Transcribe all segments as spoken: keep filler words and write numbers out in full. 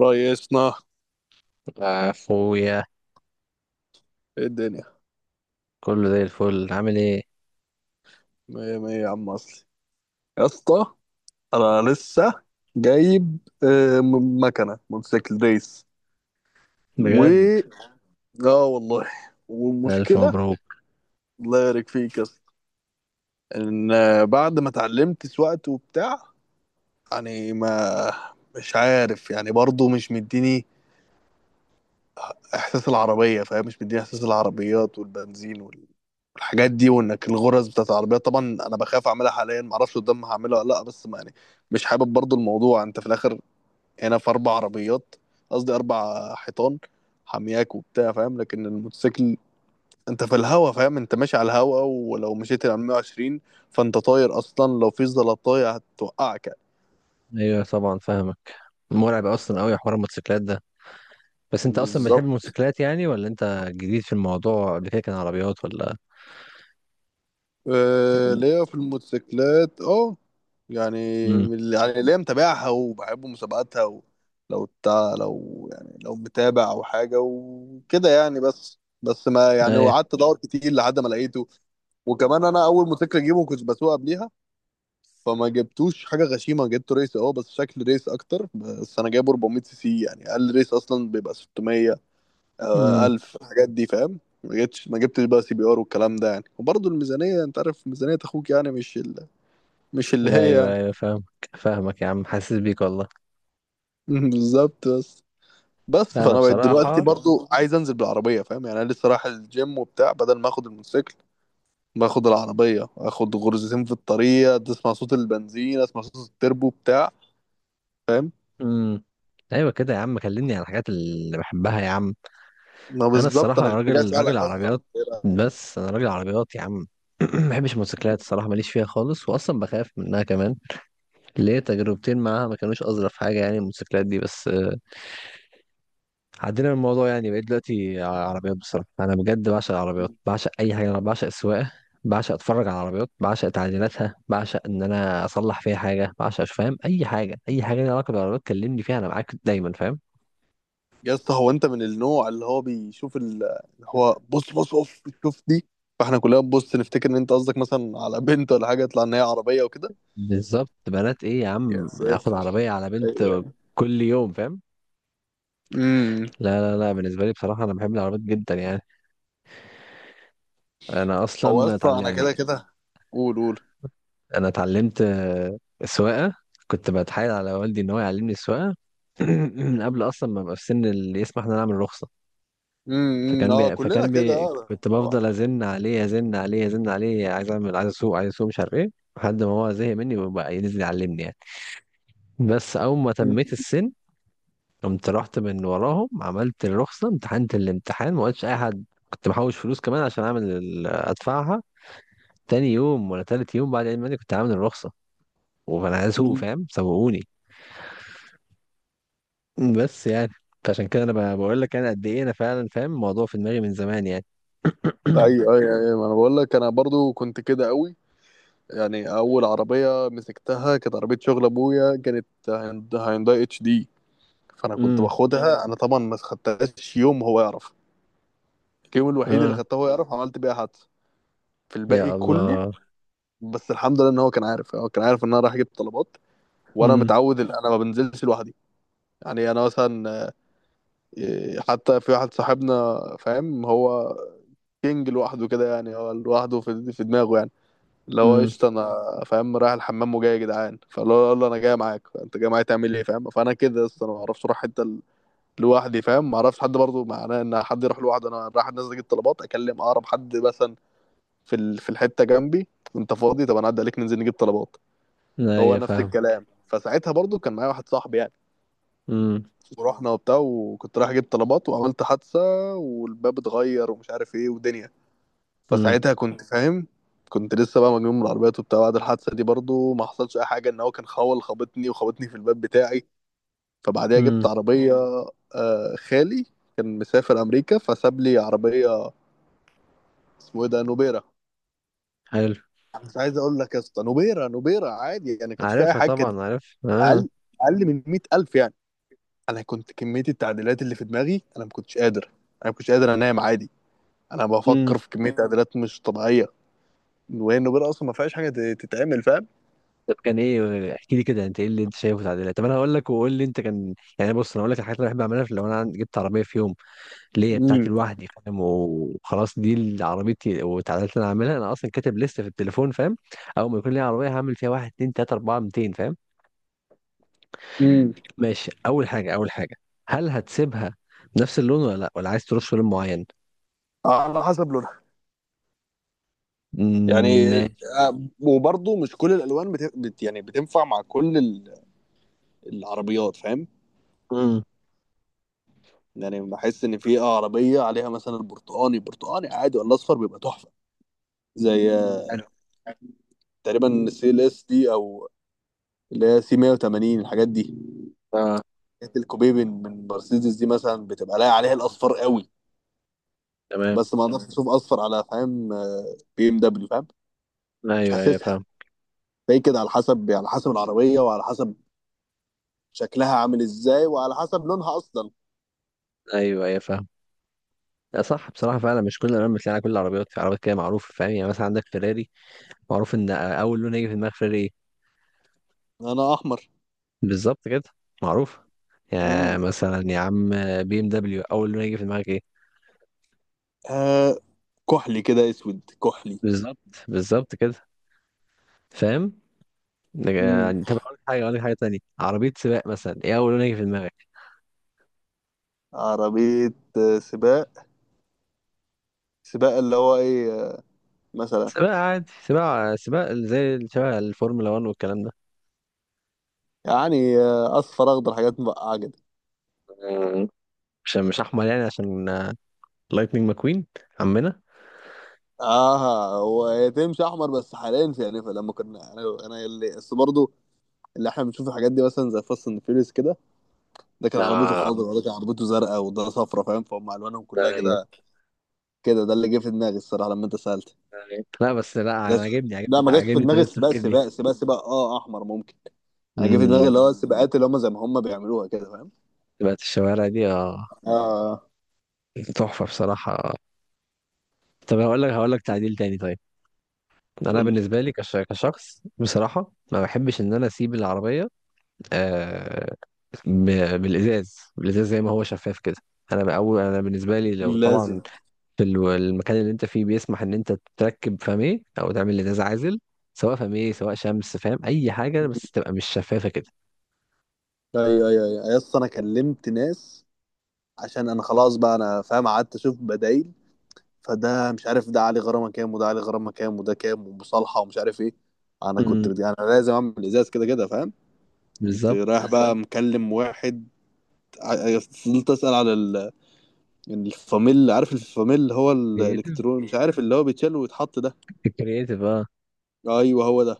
ريسنا، أخويا. ايه الدنيا. كله زي الفل، عامل إيه؟ مية مية يا عم اصلي، يا اسطى. انا لسه جايب آه، م- مكنه موتوسيكل ريس. بجد؟ و اه والله. ألف والمشكله مبروك. الله يبارك فيك يا اسطى ان آه، بعد ما اتعلمت سواقت وبتاع. يعني ما مش عارف، يعني برضه مش مديني احساس العربيه، فاهم؟ مش مديني احساس العربيات والبنزين، الحاجات دي، وانك الغرز بتاعت العربيات طبعا. انا بخاف اعملها حاليا، ما اعرفش قدام هعملها ولا لا، بس ما يعني مش حابب برضو الموضوع. انت في الاخر هنا في اربع عربيات، قصدي اربع حيطان حامياك وبتاع، فاهم؟ لكن الموتوسيكل انت في الهوا، فاهم؟ انت ماشي على الهوا، ولو مشيت على ميه وعشرين فانت طاير اصلا. لو في زلطايه هتوقعك يعني. أيوه طبعا، فاهمك. مرعب أصلا أوي حوار الموتوسيكلات ده. بس أنت أصلا بتحب بالظبط. الموتوسيكلات يعني، ولا أنت جديد في الموضوع؟ قبل كده كان عربيات ولا؟ آه، ليا في الموتوسيكلات اه، يعني امم. من اللي- يعني ليا متابعها وبحب مسابقاتها و... لو تا... لو يعني لو متابع او حاجه وكده يعني، بس بس ما يعني أيوه. قعدت ادور كتير لحد ما لقيته. وكمان انا اول موتوسيكل اجيبه كنت بسوق قبليها، فما جبتوش حاجه غشيمه. جبته ريس، اه بس شكل ريس اكتر. بس انا جايبه اربعمية سي سي، يعني اقل ريس اصلا بيبقى ستمية. آه، امم. ألف الحاجات دي، فاهم؟ ما جبتش ما جبتش بقى سي بي ار والكلام ده، يعني وبرضه الميزانية، أنت عارف ميزانية أخوك يعني، مش ال... مش اللي هي يعني. أيوه أيوه، فاهمك. فاهمك يا عم، حاسس بيك والله. بالظبط. بس بس لا، فأنا أنا بقيت ايوه دلوقتي بصراحة. برضه عايز أنزل بالعربية، فاهم؟ يعني أنا لسه رايح الجيم وبتاع. بدل ما آخد الموتوسيكل باخد العربية، آخد غرزتين في الطريق، تسمع صوت البنزين، أسمع صوت التربو بتاع، فاهم؟ امم. أيوه كده يا عم، كلمني عن الحاجات اللي بحبها يا عم. ما انا بالظبط الصراحه أنا كنت راجل راجل عربيات. بس انا راجل عربيات يا عم. ما بحبش الموتوسيكلات الصراحه، ماليش فيها خالص، واصلا بخاف منها كمان. ليه؟ تجربتين معاها ما كانوش اظرف حاجه يعني، الموتوسيكلات دي، بس آه، عدينا من الموضوع يعني. بقيت دلوقتي ع- عربيات. بصراحه انا بجد بعشق جاي. العربيات، بعشق اي حاجه، انا بعشق السواقه. بعشق اتفرج على العربيات، بعشق تعديلاتها، بعشق ان انا اصلح فيها حاجه، بعشق أش- فاهم، اي حاجه، اي حاجه ليها علاقه بالعربيات كلمني فيها، انا معاك دايما فاهم. يا اسطى، هو انت من النوع اللي هو بيشوف ال- اللي هو بص بص بص، شوف دي، فاحنا كلنا بنبص نفتكر ان انت قصدك مثلا على بنت ولا حاجه، يطلع ان هي عربيه وكده؟ بالظبط. بنات ايه يا يا عم؟ اخد ساتر. عربيه على بنت ايوه. كل يوم فاهم. امم. لا لا لا، بالنسبة لي بصراحة أنا بحب العربيات جدا يعني. أنا هو يا أصلا اسطى اتعلم انا كده يعني. كده. قول قول. أنا اتعلمت آه، سواقة. كنت بتحايل على والدي إن هو يعلمني السواقة من قبل أصلا ما أبقى في سن اللي يسمح إن أنا أعمل رخصة. امم، فكان اه بي... كلنا فكان كده بي... اه كنت طبعا. بفضل أزن عليه أزن عليه أزن عليه، عايز أعمل، عايز أسوق عايز أسوق، مش عارف إيه. لحد ما هو زهق مني وبقى ينزل يعلمني يعني. بس أول ما تميت مم. السن قمت رحت من وراهم، عملت الرخصة، امتحنت الامتحان، ما قلتش أي حد، كنت محوش فلوس كمان عشان أعمل ال- أدفعها. تاني يوم ولا تالت يوم بعد عيد ميلادي كنت عامل الرخصة. وأنا عايز أسوق مم. فاهم، سوقوني. بس يعني، فعشان كده أنا ب- بقول لك أنا قد إيه أنا فعلا فاهم الموضوع في دماغي من زمان يعني. ايوه ايوه ايوه، ما انا بقول لك انا برضو كنت كده قوي. يعني اول عربيه مسكتها كانت عربيه شغل ابويا، كانت هيوند- هيونداي اتش دي. فانا كنت امم باخدها، انا طبعا ما خدتهاش يوم هو يعرف. الجيم الوحيد اللي اه. خدته هو يعرف عملت بيها حادثه، في الباقي يا كله الله. بس الحمد لله. ان هو كان عارف، هو كان عارف ان انا رايح اجيب طلبات، وانا امم. متعود ان انا ما بنزلش لوحدي. يعني انا مثلا إيه، حتى في واحد صاحبنا، فاهم هو كينج لوحده كده يعني، هو لوحده في في دماغه يعني، اللي هو امم. قشطه. انا فاهم؟ رايح الحمام وجاي، يا جدعان فاللي هو يقول له انا جاي معاك، انت جاي معايا تعمل ايه؟ فاهم؟ فانا كده اصلا، انا ما اعرفش اروح حته ال- لوحدي، فاهم؟ ما اعرفش حد برضه معناه ان حد يروح لوحده. انا رايح نازل اجيب طلبات، اكلم اقرب حد مثلا في ال- في الحته جنبي، انت فاضي؟ طب انا اعدي عليك ننزل نجيب طلبات. هو ايوه نفس فاهم. الكلام. فساعتها برضو كان معايا واحد صاحبي يعني، امم. ورحنا وبتاع وكنت رايح اجيب طلبات وعملت حادثه، والباب اتغير ومش عارف ايه ودنيا. امم. فساعتها كنت فاهم، كنت لسه بقى مجنون من العربيات وبتاع. بعد الحادثه دي برضو ما حصلش اي حاجه، ان هو كان خول خبطني، وخبطني في الباب بتاعي. فبعديها جبت امم. عربيه آه، خالي. كان مسافر امريكا، فساب لي عربيه اسمه ايه ده، نوبيرا. حلو. مش عايز اقول لك يا اسطى، نوبيرا نوبيرا عادي يعني، كانش فيها اي عارفها حاجه. كانت طبعا، عارف اه. اقل، اقل من مئة الف يعني. انا كنت كميه التعديلات اللي في دماغي، انا ما كنتش قادر، انا ما كنتش قادر انام عادي. انا امم. بفكر في كميه تعديلات مش طبيعيه، وهي النوبير اصلا ما فيهاش حاجه ت- تتعمل، فاهم؟ طب كان ايه، احكي لي كده، انت ايه اللي انت شايفه تعديلات؟ طب انا هقول لك وقول لي انت، كان يعني، بص انا هقول لك الحاجات اللي بحب اعملها في- لو انا عن- جبت عربيه في يوم ليا بتاعتي امم. لوحدي فاهم وخلاص، دي اللي عربيتي، وتعديلات اللي انا عاملها انا اصلا كاتب لسه في التليفون فاهم. اول ما يكون ليا عربيه هعمل فيها واحد اتنين تلاته اربعه ميتين فاهم. امم. ماشي، اول حاجه اول حاجه، هل هتسيبها نفس اللون ولا لا، ولا عايز تروح في لون معين؟ على حسب لونها مم، يعني. ماشي. آه، وبرضه مش كل الالوان بت... بت... يعني بتنفع مع كل ال- العربيات، فاهم؟ مم. يعني بحس ان في عربيه عليها مثلا برتقاني، برتقاني عادي ولا اصفر بيبقى تحفه. زي آه، حلو. تقريبا السي ال اس دي او، اللي هي سي مئة وثمانين الحاجات دي، اه. الكوبيبن من مرسيدس دي مثلا، بتبقى لاقي عليها الاصفر قوي. تمام. بس ما اقدرش مم. اشوف اصفر على فاهم آه، بي ام دبليو، فاهم؟ مش ايوه ايوه حاسسها. فاهم. فهي كده على حسب، على حسب العربيه، وعلى حسب شكلها عامل ازاي، وعلى حسب لونها اصلا. ايوه ايوه فاهم. لا صح بصراحة، فعلا مش كل الألوان بتلاقي على كل العربيات، في عربيات كده معروفة فاهم. يعني مثلا عندك فيراري، معروف إن أول لون هيجي في دماغ فيراري إيه؟ انا احمر. بالظبط كده. معروف. يعني امم. مثلا يا عم، بي ام دبليو اول ما يجي في دماغك ايه؟ آه كحلي كده، اسود كحلي. بالظبط. بالظبط كده. فاهم. امم. يعني طب اقول لك حاجه، اقول لك حاجه تانية، عربيه سباق مثلا ايه اول ما يجي في دماغك؟ عربيه آه، سباق، سباق اللي هو ايه آه، مثلا، سباق عادي، سباق سباق زي شبه الفورمولا واحد والكلام ده. يعني آه، اصفر اخضر، حاجات مبقعه كده. مم. مش مش احمر يعني، عشان لايتنينج ماكوين عمنا. اه، هو هي تمشي احمر بس حاليا. في يعني لما كنا، انا انا اللي بس برضه اللي احنا بنشوف الحاجات دي، مثلا زي فاست اند فيوريوس كده، ده كان عربيته آه. خضراء، وده كان عربيته زرقاء، وده صفرا فاهم؟ فهم الوانهم كلها طيب. كده. كده ده اللي جه في دماغي الصراحه لما انت سالت. طيب. لا بس لا، انا جاش في... عاجبني لا عاجبني ما جاش في عاجبني دماغي طريقه السباق، التفكير دي. سباق سباق سباق اه، احمر ممكن. انا جه في دماغي امم. اللي هو السباقات اللي هم زي ما هم بيعملوها كده، فاهم؟ سباقات الشوارع دي اه. اه. تحفه بصراحه. طب هقول لك، هقول لك تعديل تاني طيب. انا قول لي. بالنسبه لي كش- كشخص بصراحه ما بحبش ان انا اسيب العربيه. آه. ب- بالازاز بالازاز زي ما هو شفاف كده. انا بأول انا بالنسبه لي، لو طبعا لازم. في ال- المكان اللي انت فيه بيسمح ان انت تركب فميه او تعمل ازاز عازل، سواء فميه سواء شمس، فاهم اي حاجه بس تبقى مش شفافه كده. ايوه ايوه ايوه أيوة، يس، انا كلمت ناس عشان انا خلاص بقى، انا فاهم قعدت اشوف بدايل. فده مش عارف ده علي غرامه كام، وده علي غرامه كام، وده كام ومصالحه ومش عارف ايه. انا كنت امم. بدي انا لازم اعمل ازاز كده كده، فاهم؟ قمت رايح بالظبط. بقى مكلم واحد، ع- فضلت اسال على ال- يعني الفاميل، عارف الفاميل هو كرييتيف. الالكترون، مش عارف اللي هو بيتشال ويتحط ده. الكرييتيف اه. ايوه هو ده.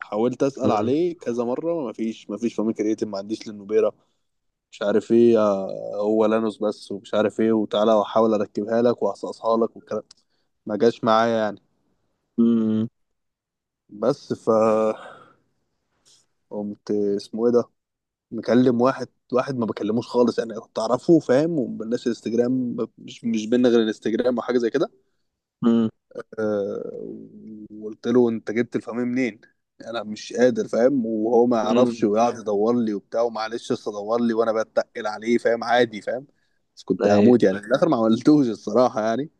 حاولت اسال عليه كذا مره، مفيش مفيش فاميل كرياتين ما عنديش للنوبيرا، مش عارف ايه آه، هو لانوس بس، ومش عارف ايه وتعالى واحاول اركبها لك واصقصها لك والكلام، ما جاش معايا يعني. امم. بس ف قمت اسمه ايه ده، مكلم واحد. واحد ما بكلموش خالص، انا كنت اعرفه فاهم، ومبلش الانستجرام، مش مش بينا غير الانستجرام او حاجه زي كده. امم. أه. وقلت له انت جبت الفاميه منين؟ انا مش قادر، فاهم؟ وهو ما امم. يعرفش ويقعد يدور لي وبتاع، ومعلش اصل ادور لي، وانا بتقل عليه فاهم، عادي فاهم. بس كنت ايوه. هموت يعني. في الاخر ما عملتوش الصراحه يعني.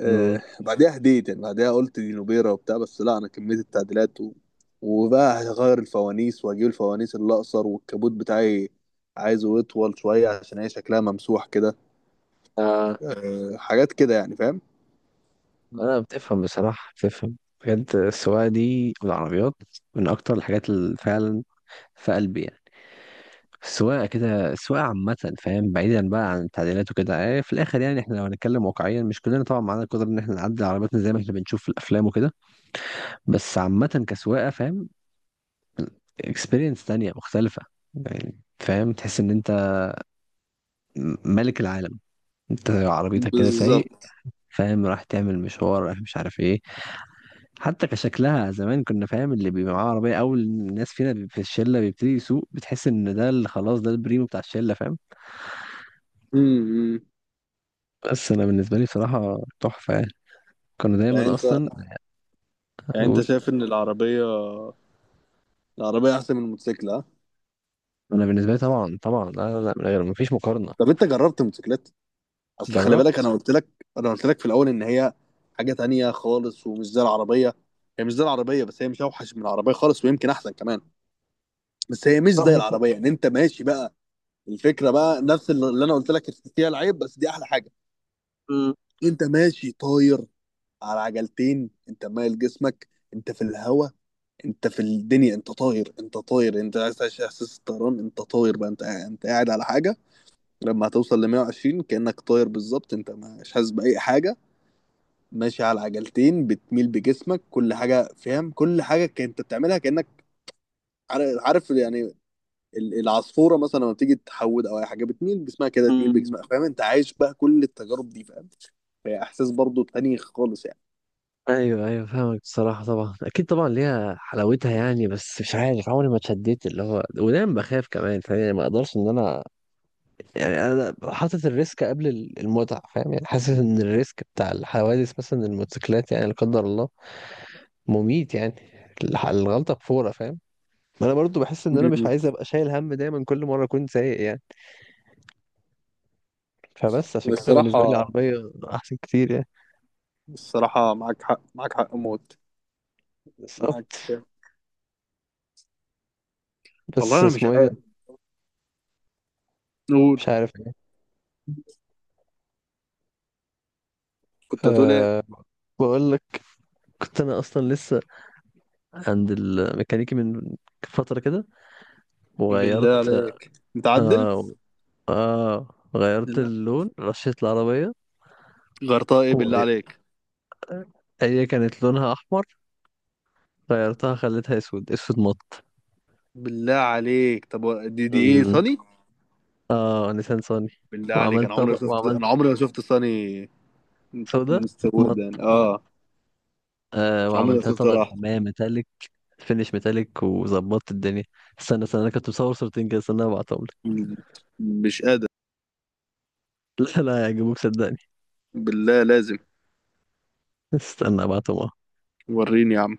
آه بعدها هديت يعني. بعدها قلت دي نوبيرا وبتاع، بس لا انا كميه التعديلات و... وبقى هغير الفوانيس، واجيب الفوانيس اللي اقصر، والكبوت بتاعي عايزه يطول شويه عشان هي شكلها ممسوح كده. امم. آه حاجات كده يعني، فاهم؟ لا بتفهم بصراحة، بتفهم. بجد السواقة دي والعربيات من أكتر الحاجات اللي فعلا في قلبي يعني. السواقة كده، السواقة عامة فاهم، بعيدا بقى عن التعديلات وكده. آه، في الآخر يعني، إحنا لو هنتكلم واقعيا مش كلنا طبعا معانا القدرة إن إحنا نعدل عربياتنا زي ما إحنا بنشوف في الأفلام وكده. بس عامة كسواقة فاهم، إكسبيرينس تانية مختلفة. يعني فاهم تحس إن أنت م- ملك العالم، أنت عربيتك كده سايق بالظبط. فاهم، راح تعمل مشوار راح، مش عارف إيه. حتى كشكلها زمان كنا فاهم اللي بيبقى معاه عربية أول الناس فينا بي- في الشلة بيبتدي يسوق بتحس إن ده اللي خلاص ده البريمو بتاع الشلة فاهم. امم. بس أنا بالنسبة لي بصراحة تحفة يعني. كانوا يعني دايما انت، أصلا يعني انت أقول. شايف ان العربيه، العربيه احسن من الموتوسيكل، ها؟ أنا بالنسبة لي طبعا طبعا، لا لا لا، من غير مفيش مقارنة. طب انت جربت الموتوسيكلات. اصل خلي بالك انا جربت. قلت لك، انا قلت لك في الاول ان هي حاجه تانية خالص ومش زي العربيه. هي مش زي العربيه، بس هي مش اوحش من العربيه خالص، ويمكن احسن كمان، بس هي مش روح زي نت- العربيه. يعني انت ماشي بقى، الفكره بقى نفس اللي انا قلت لك، فيها العيب بس دي احلى حاجه. م- انت ماشي طاير، على عجلتين، انت مايل جسمك، انت في الهواء، انت في الدنيا، انت طاير، انت طاير، انت عايز تعيش احساس الطيران، انت طاير بقى، انت قاعد- انت قاعد على حاجه. لما هتوصل ل ميه وعشرين كانك طاير بالظبط، انت مش حاسس باي حاجه. ماشي على عجلتين بتميل بجسمك، كل حاجه فاهم، كل حاجه كنت بتعملها كانك عار- عارف يعني. ال- العصفوره مثلا لما بتيجي تحود او اي حاجه، بتميل بجسمها كده، تميل م- بجسمها، فاهم؟ انت عايش بقى كل التجارب دي، فاهم؟ فهي احساس برضو تاني خالص يعني. أيوه أيوه فاهمك بصراحة، طبعا أكيد طبعا ليها حلاوتها يعني، بس مش عارف عمري ما اتشديت اللي هو، ودايما بخاف كمان فاهم يعني، ما أقدرش إن أنا. يعني انا حاطط الريسك قبل ال- المتعه فاهم يعني. حاسس ان الريسك بتاع الحوادث مثلا الموتوسيكلات يعني، لا قدر الله، مميت يعني. الح- الغلطه بفوره فاهم. ما انا برضو بحس ان انا مش مم. عايز ابقى شايل هم دايما كل مره اكون سايق يعني. فبس عشان كده بالنسبه لي الصراحه، عربيه احسن كتير يعني. الصراحه معاك حق، معاك حق موت. بالظبط. معاك. والله بس انا مش اسمه ايه ده، عارف نقول. مش عارف يعني. كنت هتقول ايه؟ أه. بقول لك، كنت انا اصلا لسه عند الميكانيكي من فتره كده، بالله وغيرت. عليك متعدل. اه. اه. غيرت بالله اللون، رشيت العربيه. غيرتها ايه بالله عليك؟ هي كانت لونها احمر، غيرتها خليتها اسود، اسود مط. بالله عليك طب و- دي دي ايه، مم. صني؟ اه نيسان صاني. بالله عليك، انا وعملت عمري ما طبق، شفت، وعملت انا عمري ما شفت صني. سودا مط. مستودا اه. آه، عمري ما وعملتها شفت ولا طبقة واحد. حماية ميتاليك، فينش ميتاليك، وظبطت الدنيا. استنى استنى، انا كنت مصور صورتين كده، استنى ابعتهم لك. مش قادر. لا لا هيعجبوك صدقني. بالله لازم. استنى ابعتهم وريني يا عم.